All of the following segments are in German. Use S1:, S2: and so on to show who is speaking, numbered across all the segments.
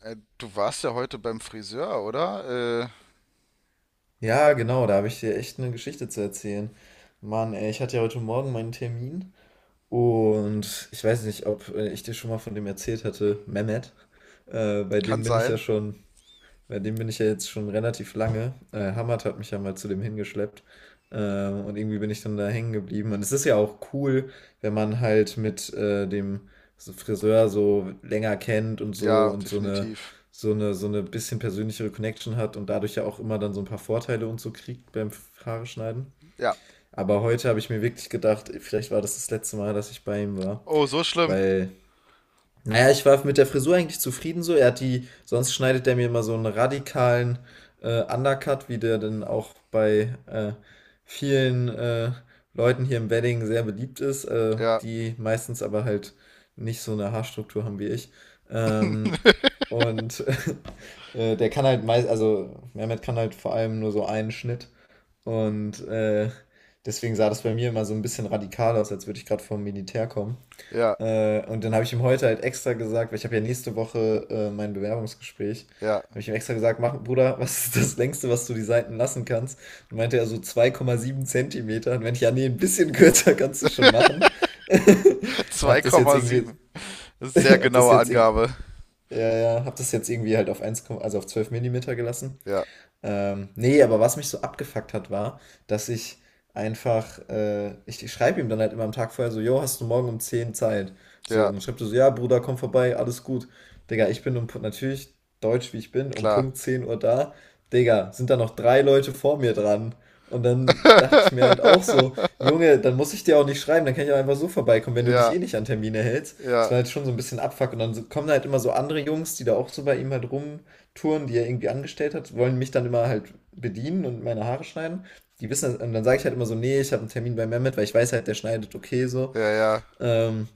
S1: Du warst ja heute beim Friseur, oder?
S2: Ja, genau, da habe ich dir echt eine Geschichte zu erzählen. Mann, ey, ich hatte ja heute Morgen meinen Termin und ich weiß nicht, ob ich dir schon mal von dem erzählt hatte, Mehmet. Äh, bei
S1: Kann
S2: dem bin ich ja
S1: sein.
S2: schon bei dem bin ich ja jetzt schon relativ lange. Hamad hat mich ja mal zu dem hingeschleppt. Und irgendwie bin ich dann da hängen geblieben. Und es ist ja auch cool, wenn man halt mit dem so Friseur so länger kennt und so
S1: Ja,
S2: und so eine,
S1: definitiv.
S2: so eine, so eine bisschen persönlichere Connection hat und dadurch ja auch immer dann so ein paar Vorteile und so kriegt beim Haare schneiden.
S1: Ja.
S2: Aber heute habe ich mir wirklich gedacht, vielleicht war das das letzte Mal, dass ich bei ihm war,
S1: Oh, so schlimm.
S2: weil naja, ich war mit der Frisur eigentlich zufrieden so. Er hat die, sonst schneidet er mir immer so einen radikalen Undercut, wie der dann auch bei vielen Leuten hier im Wedding sehr beliebt ist,
S1: Ja,
S2: die meistens aber halt nicht so eine Haarstruktur haben wie ich. Ähm, und der kann halt meist, also Mehmet kann halt vor allem nur so einen Schnitt. Und deswegen sah das bei mir immer so ein bisschen radikal aus, als würde ich gerade vom Militär kommen.
S1: ja,
S2: Und dann habe ich ihm heute halt extra gesagt, weil ich habe ja nächste Woche mein Bewerbungsgespräch,
S1: ja.
S2: habe ich ihm extra gesagt, mach, Bruder, was ist das längste, was du die Seiten lassen kannst? Und meinte er so 2,7 Zentimeter. Und wenn ich, ja, nee, ein bisschen kürzer kannst du schon machen. Hab das jetzt irgendwie,
S1: 2,7. Das ist sehr
S2: hab das
S1: genaue
S2: jetzt, irg-
S1: Angabe.
S2: ja, ja, hab das jetzt irgendwie halt auf eins, also auf 12 Millimeter gelassen.
S1: Ja,
S2: Nee, aber was mich so abgefuckt hat, war, dass ich einfach, ich schreibe ihm dann halt immer am Tag vorher so, jo, hast du morgen um 10 Zeit? So,
S1: ja,
S2: und dann schreibt er so, ja, Bruder, komm vorbei, alles gut. Digga, ich bin natürlich deutsch wie ich bin, um
S1: klar.
S2: Punkt 10 Uhr da. Digga, sind da noch drei Leute vor mir dran? Und dann dachte ich mir halt auch so, Junge, dann muss ich dir auch nicht schreiben, dann kann ich auch einfach so vorbeikommen, wenn du dich
S1: Ja,
S2: eh nicht an Termine hältst. Das
S1: ja,
S2: war halt schon so ein bisschen Abfuck. Und dann kommen da halt immer so andere Jungs, die da auch so bei ihm halt rum Touren, die er irgendwie angestellt hat, wollen mich dann immer halt bedienen und meine Haare schneiden. Die wissen, und dann sage ich halt immer so, nee, ich habe einen Termin bei Mehmet, weil ich weiß halt, der schneidet okay so.
S1: ja.
S2: Ähm,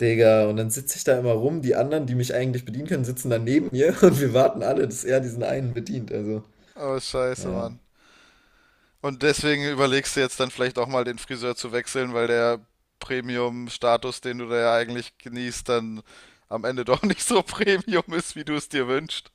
S2: Digga, und dann sitze ich da immer rum, die anderen, die mich eigentlich bedienen können, sitzen dann neben mir und wir warten alle, dass er diesen einen bedient. Also,
S1: Oh, scheiße,
S2: ja.
S1: Mann. Und deswegen überlegst du jetzt dann vielleicht auch mal den Friseur zu wechseln, weil der Premium-Status, den du da ja eigentlich genießt, dann am Ende doch nicht so Premium ist, wie du es dir wünschst.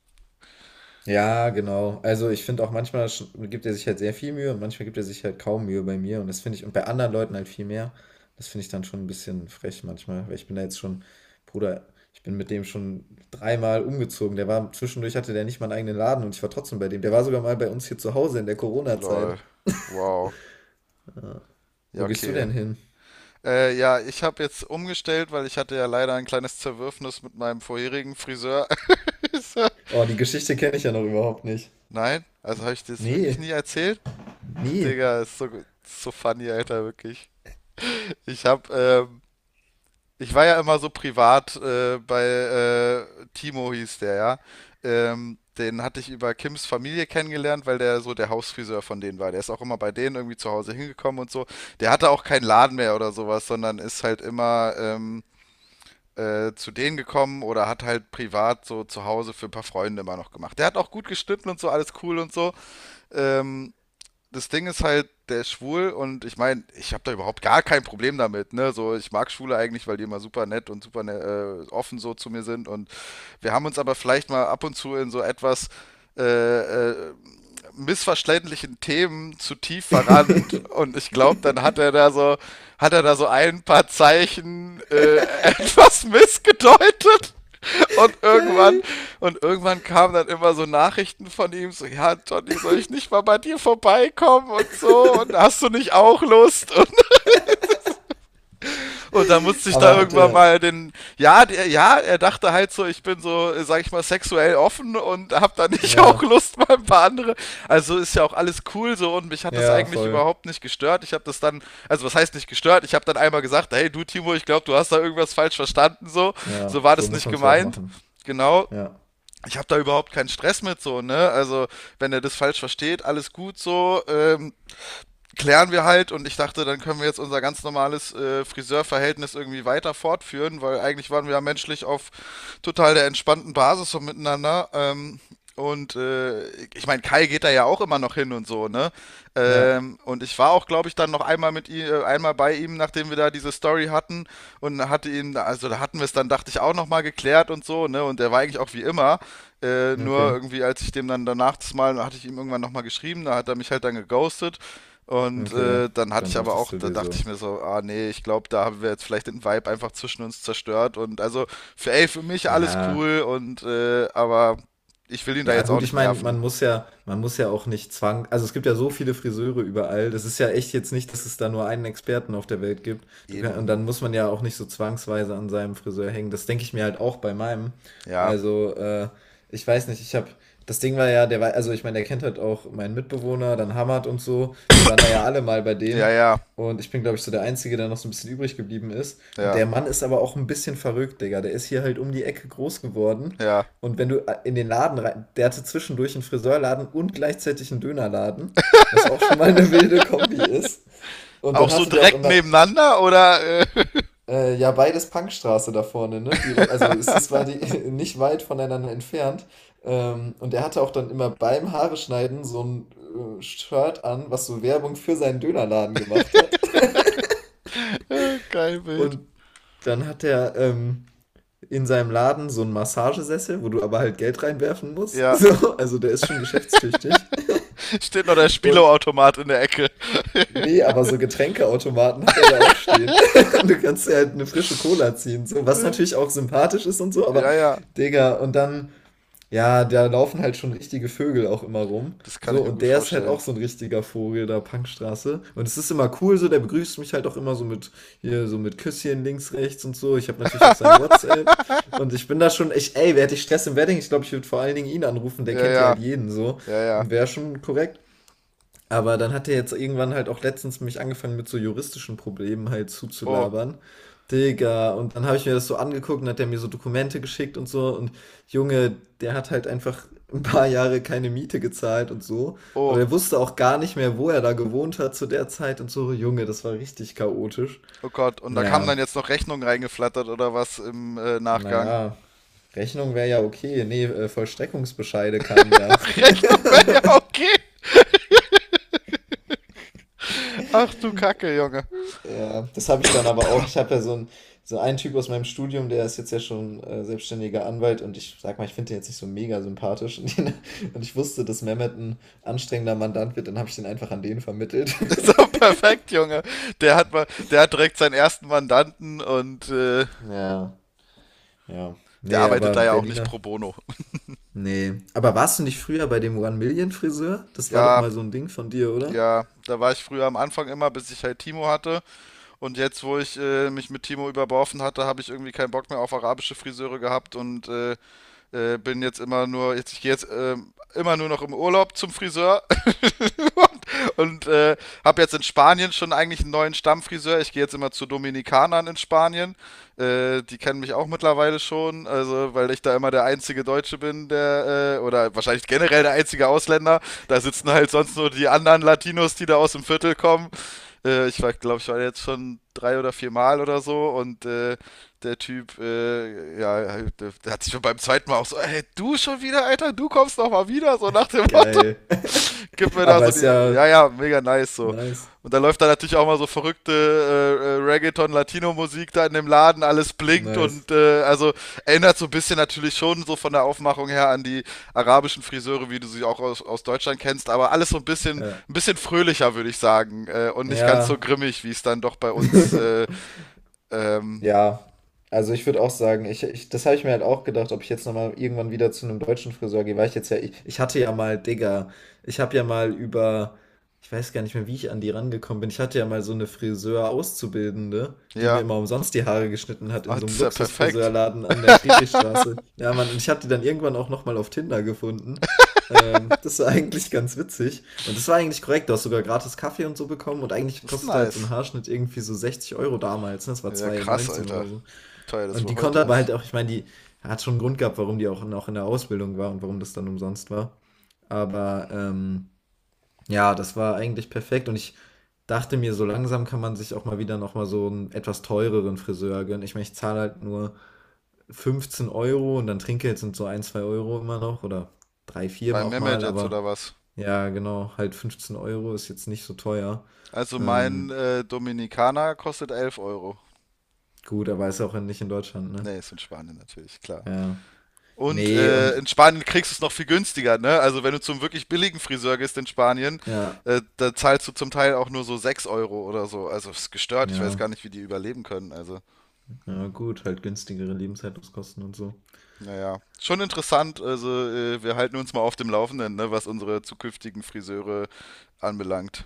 S2: Ja, genau. Also ich finde auch manchmal gibt er sich halt sehr viel Mühe und manchmal gibt er sich halt kaum Mühe bei mir. Und das finde ich, und bei anderen Leuten halt viel mehr. Das finde ich dann schon ein bisschen frech manchmal, weil ich bin da jetzt schon, Bruder, ich bin mit dem schon dreimal umgezogen. Der war, zwischendurch hatte der nicht mal einen eigenen Laden und ich war trotzdem bei dem. Der war sogar mal bei uns hier zu Hause in der Corona-Zeit.
S1: Lol. Wow. Ja,
S2: Wo gehst du
S1: okay.
S2: denn hin?
S1: Ja, ich habe jetzt umgestellt, weil ich hatte ja leider ein kleines Zerwürfnis mit meinem vorherigen Friseur.
S2: Oh, die Geschichte kenne ich ja noch überhaupt nicht.
S1: Nein? Also habe ich dir das wirklich
S2: Nee,
S1: nie erzählt?
S2: nie.
S1: Digga, ist so funny, Alter, wirklich. Ich habe ich war ja immer so privat bei Timo hieß der, ja. Den hatte ich über Kims Familie kennengelernt, weil der so der Hausfriseur von denen war. Der ist auch immer bei denen irgendwie zu Hause hingekommen und so. Der hatte auch keinen Laden mehr oder sowas, sondern ist halt immer zu denen gekommen oder hat halt privat so zu Hause für ein paar Freunde immer noch gemacht. Der hat auch gut geschnitten und so, alles cool und so. Ähm, Das Ding ist halt, der ist schwul und ich meine, ich habe da überhaupt gar kein Problem damit, ne? So, ich mag Schwule eigentlich, weil die immer super nett und super offen so zu mir sind und wir haben uns aber vielleicht mal ab und zu in so etwas äh, äh, missverständlichen Themen zu tief verrannt und ich glaube, dann hat er da so, hat er da so ein paar Zeichen etwas missgedeutet. Und irgendwann,
S2: Geil.
S1: und irgendwann kamen dann immer so Nachrichten von ihm, so, ja, Johnny, soll ich nicht mal bei dir vorbeikommen und so, und hast du nicht auch Lust? Und dann musste ich da
S2: Aber
S1: irgendwann
S2: hatte,
S1: mal den, ja, der, ja, er dachte halt so, ich bin so, sag ich mal, sexuell offen und hab da nicht auch
S2: ja,
S1: Lust mal ein paar andere. Also ist ja auch alles cool so und mich hat das
S2: ja,
S1: eigentlich
S2: voll.
S1: überhaupt nicht gestört. Ich habe das dann, also was heißt nicht gestört? Ich habe dann einmal gesagt, hey, du Timo, ich glaube, du hast da irgendwas falsch verstanden, so, so
S2: Ja,
S1: war
S2: so
S1: das
S2: muss
S1: nicht
S2: man es ja auch
S1: gemeint.
S2: machen.
S1: Genau,
S2: Ja,
S1: ich habe da überhaupt keinen Stress mit so, ne? Also, wenn er das falsch versteht, alles gut so. Klären wir halt und ich dachte, dann können wir jetzt unser ganz normales Friseurverhältnis irgendwie weiter fortführen, weil eigentlich waren wir ja menschlich auf total der entspannten Basis so miteinander. Und ich meine, Kai geht da ja auch immer noch hin und so, ne?
S2: ja.
S1: Und ich war auch, glaube ich, dann noch einmal mit ihm, einmal bei ihm, nachdem wir da diese Story hatten und hatte ihn, also da hatten wir es dann, dachte ich, auch nochmal geklärt und so, ne? Und der war eigentlich auch wie immer. Nur
S2: Okay,
S1: irgendwie, als ich dem dann danach das Mal, hatte ich ihm irgendwann nochmal geschrieben, da hat er mich halt dann geghostet. Und
S2: okay.
S1: dann hatte
S2: Dann
S1: ich aber
S2: dachtest
S1: auch,
S2: du
S1: da
S2: dir
S1: dachte
S2: so,
S1: ich mir so, ah nee, ich glaube, da haben wir jetzt vielleicht den Vibe einfach zwischen uns zerstört. Und also, für, ey, für mich alles
S2: ja.
S1: cool und aber ich will ihn da
S2: Ja,
S1: jetzt auch
S2: gut, ich
S1: nicht
S2: meine,
S1: nerven.
S2: man muss ja auch nicht zwang also, es gibt ja so viele Friseure überall. Das ist ja echt jetzt nicht, dass es da nur einen Experten auf der Welt gibt. Du kann
S1: Eben.
S2: und dann muss man ja auch nicht so zwangsweise an seinem Friseur hängen. Das denke ich mir halt auch bei meinem.
S1: Ja.
S2: Also, ich weiß nicht, ich habe das Ding war ja, der war also, ich meine, der kennt halt auch meinen Mitbewohner, dann Hamad und so. Wir waren da ja alle mal bei
S1: Ja,
S2: dem
S1: ja,
S2: und ich bin, glaube ich, so der Einzige, der noch so ein bisschen übrig geblieben ist. Und
S1: ja,
S2: der Mann ist aber auch ein bisschen verrückt, Digga. Der ist hier halt um die Ecke groß geworden
S1: ja.
S2: und wenn du in den Laden rein, der hatte zwischendurch einen Friseurladen und gleichzeitig einen Dönerladen, was auch schon mal eine wilde Kombi ist. Und
S1: Auch
S2: dann
S1: so
S2: hatte der auch
S1: direkt
S2: immer,
S1: nebeneinander oder
S2: ja, beides Punkstraße da vorne, ne? Direkt, also es ist, war die nicht weit voneinander entfernt. Und er hatte auch dann immer beim Haare schneiden so ein Shirt an, was so Werbung für seinen Dönerladen gemacht hat.
S1: geil Bild.
S2: Und dann hat er in seinem Laden so einen Massagesessel, wo du aber halt Geld reinwerfen musst.
S1: Ja.
S2: So, also der ist schon geschäftstüchtig.
S1: Steht noch der
S2: Und
S1: Spielautomat in der Ecke.
S2: Nee, aber so Getränkeautomaten hat er da auch stehen. Du kannst dir halt eine frische Cola ziehen, so, was natürlich auch sympathisch ist und so, aber
S1: Ja, ja.
S2: Digga, und dann, ja, da laufen halt schon richtige Vögel auch immer rum.
S1: Das kann
S2: So,
S1: ich mir
S2: und
S1: gut
S2: der ist halt auch
S1: vorstellen.
S2: so ein richtiger Vogel da, Punkstraße. Und es ist immer cool, so, der begrüßt mich halt auch immer so mit, hier, so mit Küsschen links, rechts und so. Ich habe natürlich auch sein WhatsApp. Und ich bin da schon, ich, ey, wer hätte ich Stress im Wedding? Ich glaube, ich würde vor allen Dingen ihn anrufen, der
S1: Ja,
S2: kennt ja
S1: ja.
S2: halt jeden so.
S1: Ja, ja.
S2: Wäre schon korrekt. Aber dann hat er jetzt irgendwann halt auch letztens mich angefangen mit so juristischen Problemen halt
S1: Oh,
S2: zuzulabern. Digga, und dann habe ich mir das so angeguckt und hat er mir so Dokumente geschickt und so. Und Junge, der hat halt einfach ein paar Jahre keine Miete gezahlt und so. Aber
S1: oh.
S2: der wusste auch gar nicht mehr, wo er da gewohnt hat zu der Zeit und so. Junge, das war richtig chaotisch.
S1: Oh Gott, und da kamen
S2: Naja,
S1: dann jetzt noch Rechnungen reingeflattert oder was im Nachgang.
S2: naja, Rechnung wäre ja okay. Nee, Vollstreckungsbescheide kamen da.
S1: Ach, Rechnung wäre ja okay. Ach du Kacke, Junge.
S2: Ja, das habe ich dann aber auch. Ich habe ja so, so einen Typ aus meinem Studium, der ist jetzt ja schon selbstständiger Anwalt und ich sag mal, ich finde den jetzt nicht so mega sympathisch. Und, den, und ich wusste, dass Mehmet ein anstrengender Mandant wird, dann habe ich den einfach an den vermittelt.
S1: Ist doch perfekt, Junge. Der hat mal, der hat direkt seinen ersten Mandanten und
S2: Ja, ja.
S1: der
S2: Nee,
S1: arbeitet
S2: aber
S1: da ja auch nicht
S2: Berliner.
S1: pro bono.
S2: Nee. Aber warst du nicht früher bei dem One Million Friseur? Das war doch
S1: Ja,
S2: mal so ein Ding von dir, oder?
S1: ja, da war ich früher am Anfang immer, bis ich halt Timo hatte. Und jetzt, wo ich mich mit Timo überworfen hatte, habe ich irgendwie keinen Bock mehr auf arabische Friseure gehabt und bin jetzt immer nur, jetzt, ich gehe jetzt immer nur noch im Urlaub zum Friseur, und habe jetzt in Spanien schon eigentlich einen neuen Stammfriseur. Ich gehe jetzt immer zu Dominikanern in Spanien. Die kennen mich auch mittlerweile schon, also weil ich da immer der einzige Deutsche bin, der oder wahrscheinlich generell der einzige Ausländer. Da sitzen halt sonst nur die anderen Latinos, die da aus dem Viertel kommen. Ich glaube, ich war jetzt schon drei oder vier Mal oder so und der Typ, ja, der, der hat sich schon beim zweiten Mal auch so, hey, du schon wieder, Alter, du kommst noch mal wieder, so nach dem Motto
S2: Geil.
S1: gib mir da
S2: Aber
S1: so die.
S2: ist
S1: Ja,
S2: ja
S1: ja, mega nice so.
S2: nice.
S1: Und da läuft da natürlich auch mal so verrückte Reggaeton-Latino-Musik da in dem Laden, alles blinkt
S2: Nice.
S1: und also erinnert so ein bisschen natürlich schon so von der Aufmachung her an die arabischen Friseure, wie du sie auch aus, aus Deutschland kennst, aber alles so
S2: Ja.
S1: ein bisschen fröhlicher, würde ich sagen. Und nicht ganz so
S2: Ja.
S1: grimmig, wie es dann doch bei uns, ähm,
S2: Ja, also ich würde auch sagen, ich, das habe ich mir halt auch gedacht, ob ich jetzt nochmal irgendwann wieder zu einem deutschen Friseur gehe, weil ich jetzt ja, ich hatte ja mal, Digga, ich habe ja mal über, ich weiß gar nicht mehr, wie ich an die rangekommen bin, ich hatte ja mal so eine Friseur-Auszubildende, die mir
S1: ja.
S2: immer umsonst die Haare geschnitten hat
S1: Ah,
S2: in so
S1: das
S2: einem
S1: ist ja perfekt.
S2: Luxusfriseurladen an der Friedrichstraße. Ja, Mann, und ich habe die dann irgendwann auch nochmal auf Tinder gefunden. Das war eigentlich ganz witzig. Und das war eigentlich korrekt. Du hast sogar gratis Kaffee und so bekommen. Und eigentlich
S1: Das ist
S2: kostete halt so ein
S1: nice.
S2: Haarschnitt irgendwie so 60 Euro damals. Ne? Das war
S1: Ja, krass,
S2: 2,19 oder
S1: Alter.
S2: so.
S1: Wie teuer das
S2: Und
S1: wohl
S2: die
S1: heute
S2: konnte aber halt
S1: ist.
S2: auch, ich meine, die hat schon einen Grund gehabt, warum die auch noch in der Ausbildung war und warum das dann umsonst war. Aber ja, das war eigentlich perfekt. Und ich dachte mir, so langsam kann man sich auch mal wieder nochmal so einen etwas teureren Friseur gönnen. Ich meine, ich zahle halt nur 15 Euro und dann Trinkgeld sind so ein 2 Euro immer noch oder 3 4
S1: Bei
S2: auch
S1: Mehmet
S2: mal.
S1: jetzt
S2: Aber
S1: oder was?
S2: ja, genau, halt 15 Euro ist jetzt nicht so teuer.
S1: Also mein
S2: Ähm,
S1: Dominikaner kostet 11 Euro.
S2: gut, aber ist ja auch nicht in Deutschland, ne?
S1: Nee, ist in Spanien natürlich, klar.
S2: Ja.
S1: Und
S2: Ne, und
S1: in Spanien kriegst du es noch viel günstiger, ne? Also wenn du zum wirklich billigen Friseur gehst in Spanien,
S2: ja,
S1: da zahlst du zum Teil auch nur so 6 Euro oder so. Also ist gestört, ich weiß
S2: ja,
S1: gar nicht, wie die überleben können. Also,
S2: ja gut, halt günstigere Lebenshaltungskosten und so.
S1: naja, schon interessant. Also wir halten uns mal auf dem Laufenden, ne, was unsere zukünftigen Friseure anbelangt.